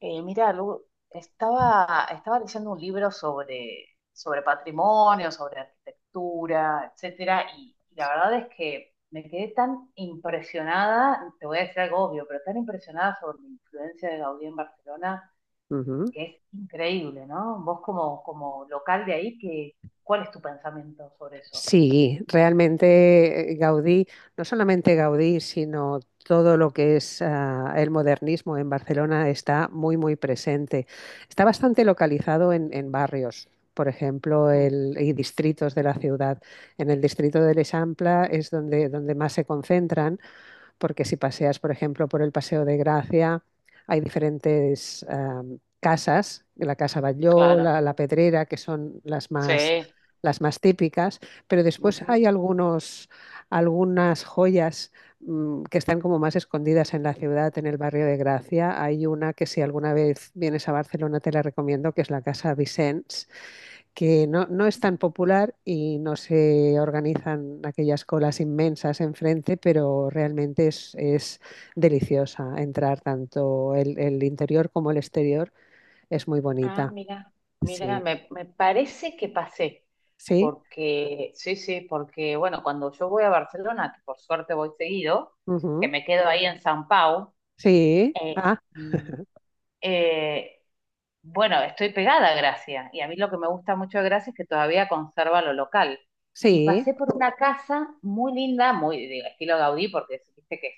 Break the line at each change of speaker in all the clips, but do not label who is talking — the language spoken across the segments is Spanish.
Mira, Lu, estaba leyendo un libro sobre patrimonio, sobre arquitectura, etcétera, y la verdad es que me quedé tan impresionada, te voy a decir algo obvio, pero tan impresionada sobre la influencia de Gaudí en Barcelona,
Ujú.
que es increíble, ¿no? Vos como local de ahí, que, ¿cuál es tu pensamiento sobre eso?
Sí, realmente Gaudí, no solamente Gaudí, sino todo lo que es el modernismo en Barcelona está muy, muy presente. Está bastante localizado en barrios, por ejemplo,
Mm.
y distritos de la ciudad. En el distrito del Eixample es donde más se concentran porque si paseas, por ejemplo, por el Paseo de Gracia, hay diferentes casas, la Casa Batlló, la,
Claro,
la Pedrera, que son las más,
sí.
las más típicas, pero después
Ujú.
hay algunas joyas que están como más escondidas en la ciudad, en el barrio de Gracia. Hay una que si alguna vez vienes a Barcelona te la recomiendo, que es la Casa Vicens, que no es tan popular y no se organizan aquellas colas inmensas enfrente, pero realmente es deliciosa entrar tanto el interior como el exterior, es muy
Ah,
bonita.
mira, mira,
Sí,
me parece que pasé,
sí.
porque, sí, sí, porque, bueno, cuando yo voy a Barcelona, que por suerte voy seguido, que
Ujú.
me quedo ahí en San Pau,
Sí.
eh,
Ah,
mm, eh, bueno, estoy pegada a Gracia, y a mí lo que me gusta mucho de Gracia es que todavía conserva lo local. Y
sí,
pasé por una casa muy linda, muy de estilo Gaudí, porque viste que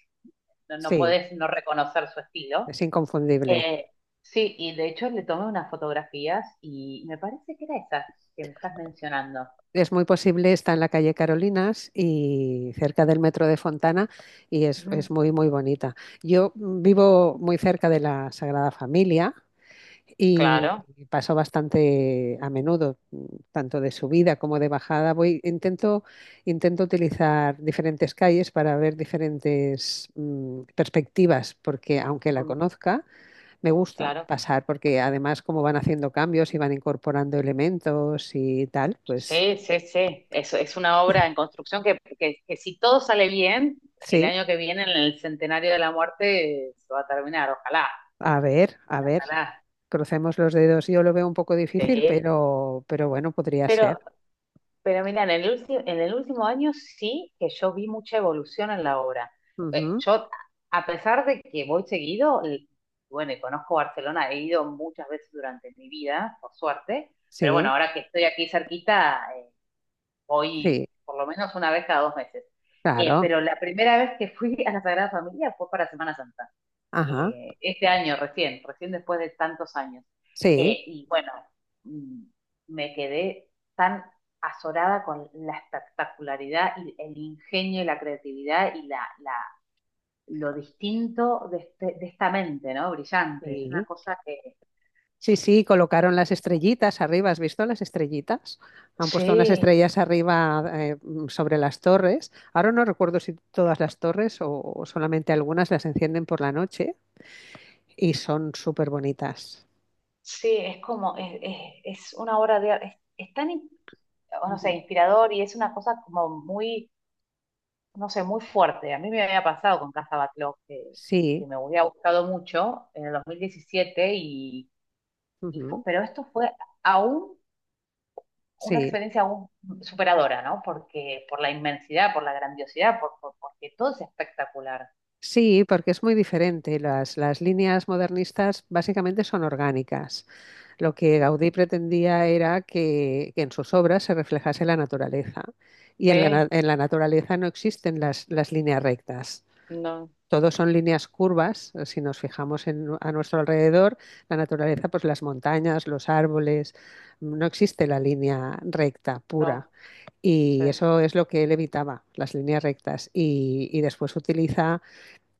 no
sí,
podés no reconocer su estilo,
es inconfundible.
eh, sí, y de hecho le tomé unas fotografías y me parece que era esa que me estás mencionando.
Es muy posible, está en la calle Carolinas y cerca del metro de Fontana, y es
Ujú.
muy, muy bonita. Yo vivo muy cerca de la Sagrada Familia y
Claro,
paso bastante a menudo, tanto de subida como de bajada. Voy, intento utilizar diferentes calles para ver diferentes perspectivas, porque aunque la
ujú,
conozca, me gusta
claro.
pasar, porque además como van haciendo cambios y van incorporando elementos y tal, pues
Sí, sí, sí. Eso es una obra en construcción que si todo sale bien, el
sí,
año que viene, en el centenario de la muerte, se va a terminar. Ojalá,
a ver,
ojalá.
crucemos los dedos. Yo lo veo un poco difícil,
Sí.
pero bueno, podría ser.
Pero Pero mira, en el último año sí que yo vi mucha evolución en la obra. Eh,
Ujú.
yo, a pesar de que voy seguido, bueno, y conozco Barcelona, he ido muchas veces durante mi vida, por suerte, pero bueno,
Sí,
ahora que estoy aquí cerquita, voy
sí,
por lo menos una vez cada dos meses.
claro.
Pero la primera vez que fui a la Sagrada Familia fue para Semana Santa,
Ajá,
este año, recién después de tantos años.
sí.
Y bueno, mm, me quedé tan azorada con la espectacularidad y el ingenio y la creatividad y lo distinto de, de esta mente, ¿no? Brillante. Es una
Sí,
cosa que...
sí, sí, colocaron las estrellitas arriba. ¿Has visto las estrellitas? Han puesto unas
Sí,
estrellas arriba sobre las torres. Ahora no recuerdo si todas las torres o solamente algunas las encienden por la noche, y son súper bonitas.
sí, es como, es una obra de arte, es tan, o no sé,
Ujú.
inspirador y es una cosa como muy, no sé, muy fuerte. A mí me había pasado con Casa Backlog,
Sí,
que me había gustado mucho en el 2017, y
ujú,
pero esto fue aún una
sí.
experiencia aún superadora, ¿no? Porque por la inmensidad, por la grandiosidad, porque todo es espectacular.
Sí, porque es muy diferente. Las líneas modernistas básicamente son orgánicas. Lo que Gaudí pretendía era que en sus obras se reflejase la naturaleza. Y
Sí,
en la naturaleza no existen las líneas rectas.
no,
Todos son líneas curvas. Si nos fijamos a nuestro alrededor, la naturaleza, pues las montañas, los árboles, no existe la línea recta pura.
no, sí.
Y eso es lo que él evitaba, las líneas rectas. Y después utiliza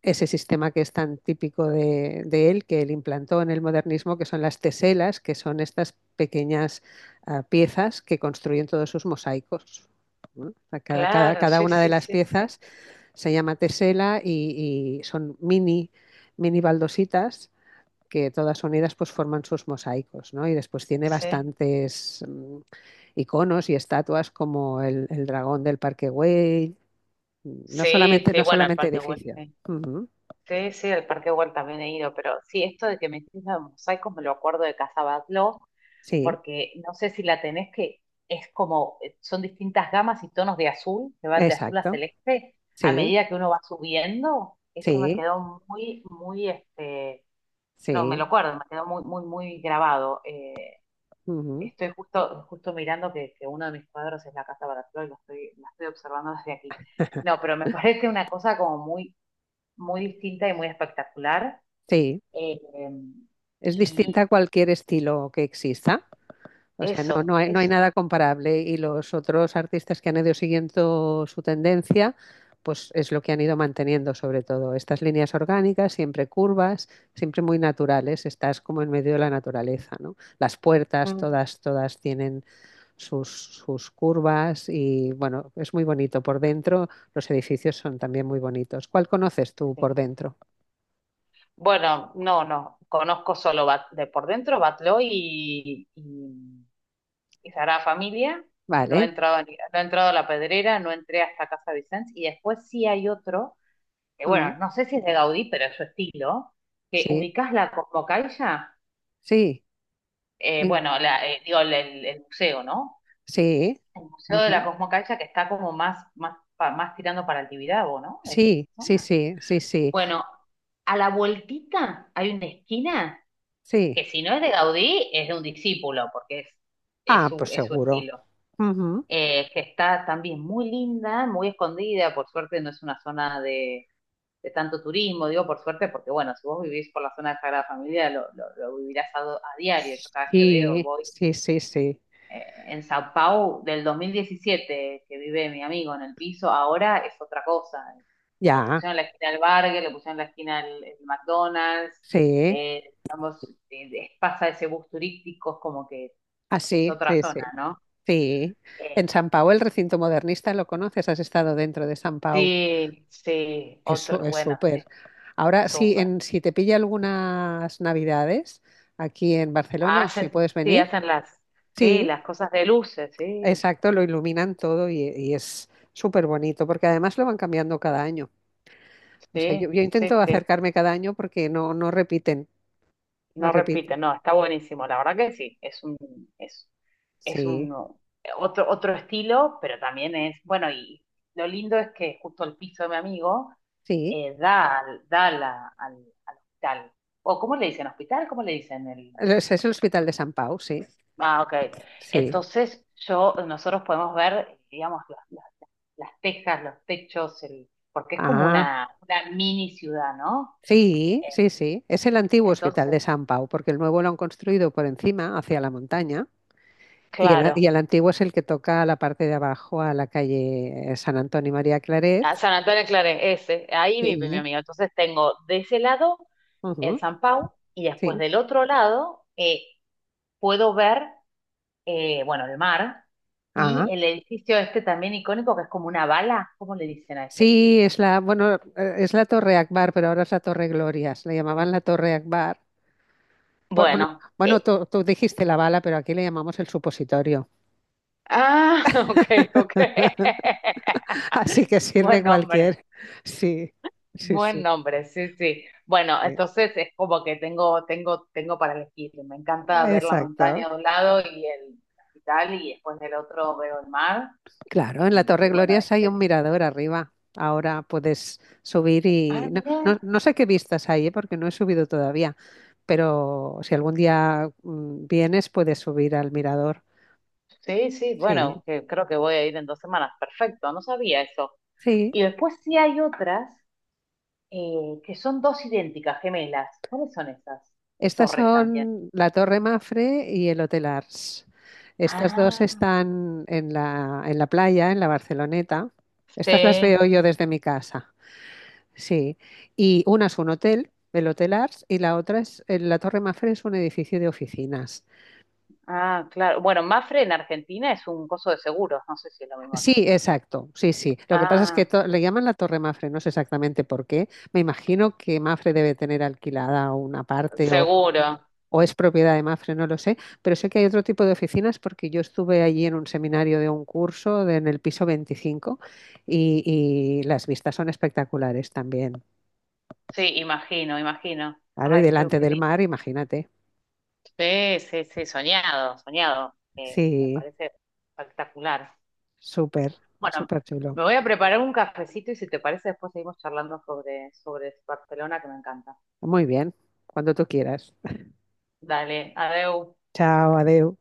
ese sistema que es tan típico él, que él implantó en el modernismo, que son las teselas, que son estas pequeñas piezas que construyen todos sus mosaicos, ¿no? Cada, cada,
Claro,
cada,
sí,
una de
sí,
las
sí, sí,
piezas se llama tesela y son mini, mini baldositas que todas unidas pues forman sus mosaicos, ¿no? Y después tiene
sí,
bastantes iconos y estatuas como el dragón del Parque Güell, no
sí,
solamente,
sí,
no
bueno, el
solamente
Parque Güell,
edificios.
sí,
Uh -huh.
sí, sí, el Parque Güell también he ido, pero sí, esto de que me hiciste los mosaicos me lo acuerdo de Casa Batlló,
Sí.
porque no sé si la tenés, que es como, son distintas gamas y tonos de azul, que van de azul a
Exacto.
celeste, a
Sí,
medida que uno va subiendo, eso me
sí,
quedó muy, muy, este, no, me
sí.
lo acuerdo, me quedó muy, muy, muy grabado.
Ujú.
Estoy justo, justo mirando que uno de mis cuadros es la Casa Baracló y lo estoy, la estoy observando desde aquí. No, pero me parece una cosa como muy, muy distinta y muy espectacular.
Sí,
Eh,
es distinta
y
a cualquier estilo que exista. O sea,
eso,
no hay
eso.
nada comparable. Y los otros artistas que han ido siguiendo su tendencia, pues es lo que han ido manteniendo, sobre todo. Estas líneas orgánicas, siempre curvas, siempre muy naturales. Estás como en medio de la naturaleza, ¿no? Las puertas,
Mm.
todas, todas tienen sus curvas y bueno, es muy bonito por dentro. Los edificios son también muy bonitos. ¿Cuál conoces tú por
Sí.
dentro?
Bueno, no, no, conozco solo de por dentro Batloy y Sagrada Familia. No he
Vale.
entrado, no he entrado a La Pedrera, no entré hasta Casa Vicens. Y después sí hay otro, que
Mm,
bueno, no sé si es de Gaudí, pero es su estilo, que
sí,
ubicás la Cosmocaixa,
sí, en-
bueno, digo, el museo, ¿no?
sí.
El museo de la
Ujú.
Cosmocaixa que está como más, más, más tirando para el Tibidabo, ¿no? Es esa
Sí, sí,
zona.
sí, sí, sí,
Bueno, a la vueltita hay una esquina
sí.
que si no es de Gaudí, es de un discípulo, porque es,
Ah, pues
es su
seguro.
estilo.
Ujú.
Que está también muy linda, muy escondida, por suerte no es una zona de tanto turismo, digo por suerte, porque bueno, si vos vivís por la zona de Sagrada Familia, lo vivirás a, a diario, yo cada vez que veo,
Sí,
voy
sí, sí, sí.
en Sao Paulo del 2017 que vive mi amigo en el piso, ahora es otra cosa. Le
Ya,
pusieron la esquina al Burger, le pusieron la esquina al McDonald's,
sí.
digamos, pasa ese bus turístico, es como que es
Así,
otra
sí, sí,
zona, ¿no?
sí.
Eh,
En San Pau, el recinto modernista, ¿lo conoces? ¿Has estado dentro de San Pau?
sí, sí,
Eso
otra,
es
bueno,
súper.
sí,
Ahora, sí,
súper.
si te pilla algunas navidades aquí en Barcelona o si
Hacen,
puedes
sí,
venir,
hacen las, sí,
sí,
las cosas de luces, sí,
exacto, lo iluminan todo y es súper bonito porque además lo van cambiando cada año. O sea, yo,
sí,
yo
sí,
intento
sí.
acercarme cada año porque no repiten, no
No repite,
repiten.
no, está buenísimo, la verdad que sí, es, es un
Sí,
otro, otro estilo, pero también es, bueno, y lo lindo es que justo el piso de mi amigo
sí.
da, da a al, al hospital. ¿O cómo le dicen hospital? ¿Cómo le dicen el?
Es el Hospital de San Pau, sí,
Ah, ok.
sí.
Entonces yo, nosotros podemos ver, digamos, las tejas, los techos, el, porque es como
Ah,
una mini ciudad, ¿no?
sí,
Eh.
sí, sí. Es el antiguo Hospital de
Entonces,
San Pau porque el nuevo lo han construido por encima, hacia la montaña. Y
claro.
el antiguo es el que toca a la parte de abajo, a la calle San Antonio y María
A
Claret.
San Antonio de Claret, ese, ahí vive mi
Sí,
amiga. Entonces tengo de ese lado el
ujú,
San Pau y después
sí.
del otro lado puedo ver, bueno, el mar y
Ah,
el edificio este también icónico que es como una bala, ¿cómo le dicen a ese?
sí, bueno, es la Torre Akbar, pero ahora es la Torre Glorias. Le llamaban la Torre Akbar. Bueno,
Bueno,
bueno, tú dijiste la bala, pero aquí le llamamos el supositorio.
ah, ok, ok.
Así que sirve
Buen nombre,
cualquier. Sí, sí,
buen
sí.
nombre, sí, sí. Bueno,
Sí.
entonces es como que tengo para elegir. Me encanta ver la
Exacto.
montaña de un lado y el hospital y después del otro veo el mar.
Claro, en la
Y,
Torre
y bueno,
Glorias hay un
este,
mirador arriba. Ahora puedes subir y
ah, mira,
no sé qué vistas hay, ¿eh?, porque no he subido todavía, pero si algún día vienes puedes subir al mirador.
sí, sí,
Sí,
bueno, que creo que voy a ir en dos semanas, perfecto, no sabía eso.
sí.
Y después sí hay otras que son dos idénticas, gemelas. ¿Cuáles son esas?
Estas
Torres también.
son la Torre Mafre y el Hotel Ars. Estas dos
Ah,
están en la playa, en la Barceloneta. Estas las
sí.
veo yo desde mi casa. Sí, y una es un hotel, el Hotel Ars, y la otra la Torre Mafre, es un edificio de oficinas.
Ah, claro. Bueno, Mafre en Argentina es un coso de seguros, no sé si es lo mismo.
Sí, exacto, sí, sí. Lo que pasa es que
Ah,
le llaman la Torre Mafre, no sé exactamente por qué. Me imagino que Mafre debe tener alquilada una parte, o,
seguro.
o es propiedad de Mafre, no lo sé, pero sé que hay otro tipo de oficinas porque yo estuve allí en un seminario de un curso en el piso 25, y las vistas son espectaculares también.
Sí, imagino, imagino.
Claro, y
Ay, qué,
delante
qué
del
lindo.
mar, imagínate.
Sí, sí, sí, soñado, soñado. Me
Sí.
parece espectacular.
Súper,
Bueno,
súper chulo.
me voy a preparar un cafecito y si te parece después seguimos charlando sobre Barcelona que me encanta.
Muy bien, cuando tú quieras.
Dale, adeu.
Chao, adeu.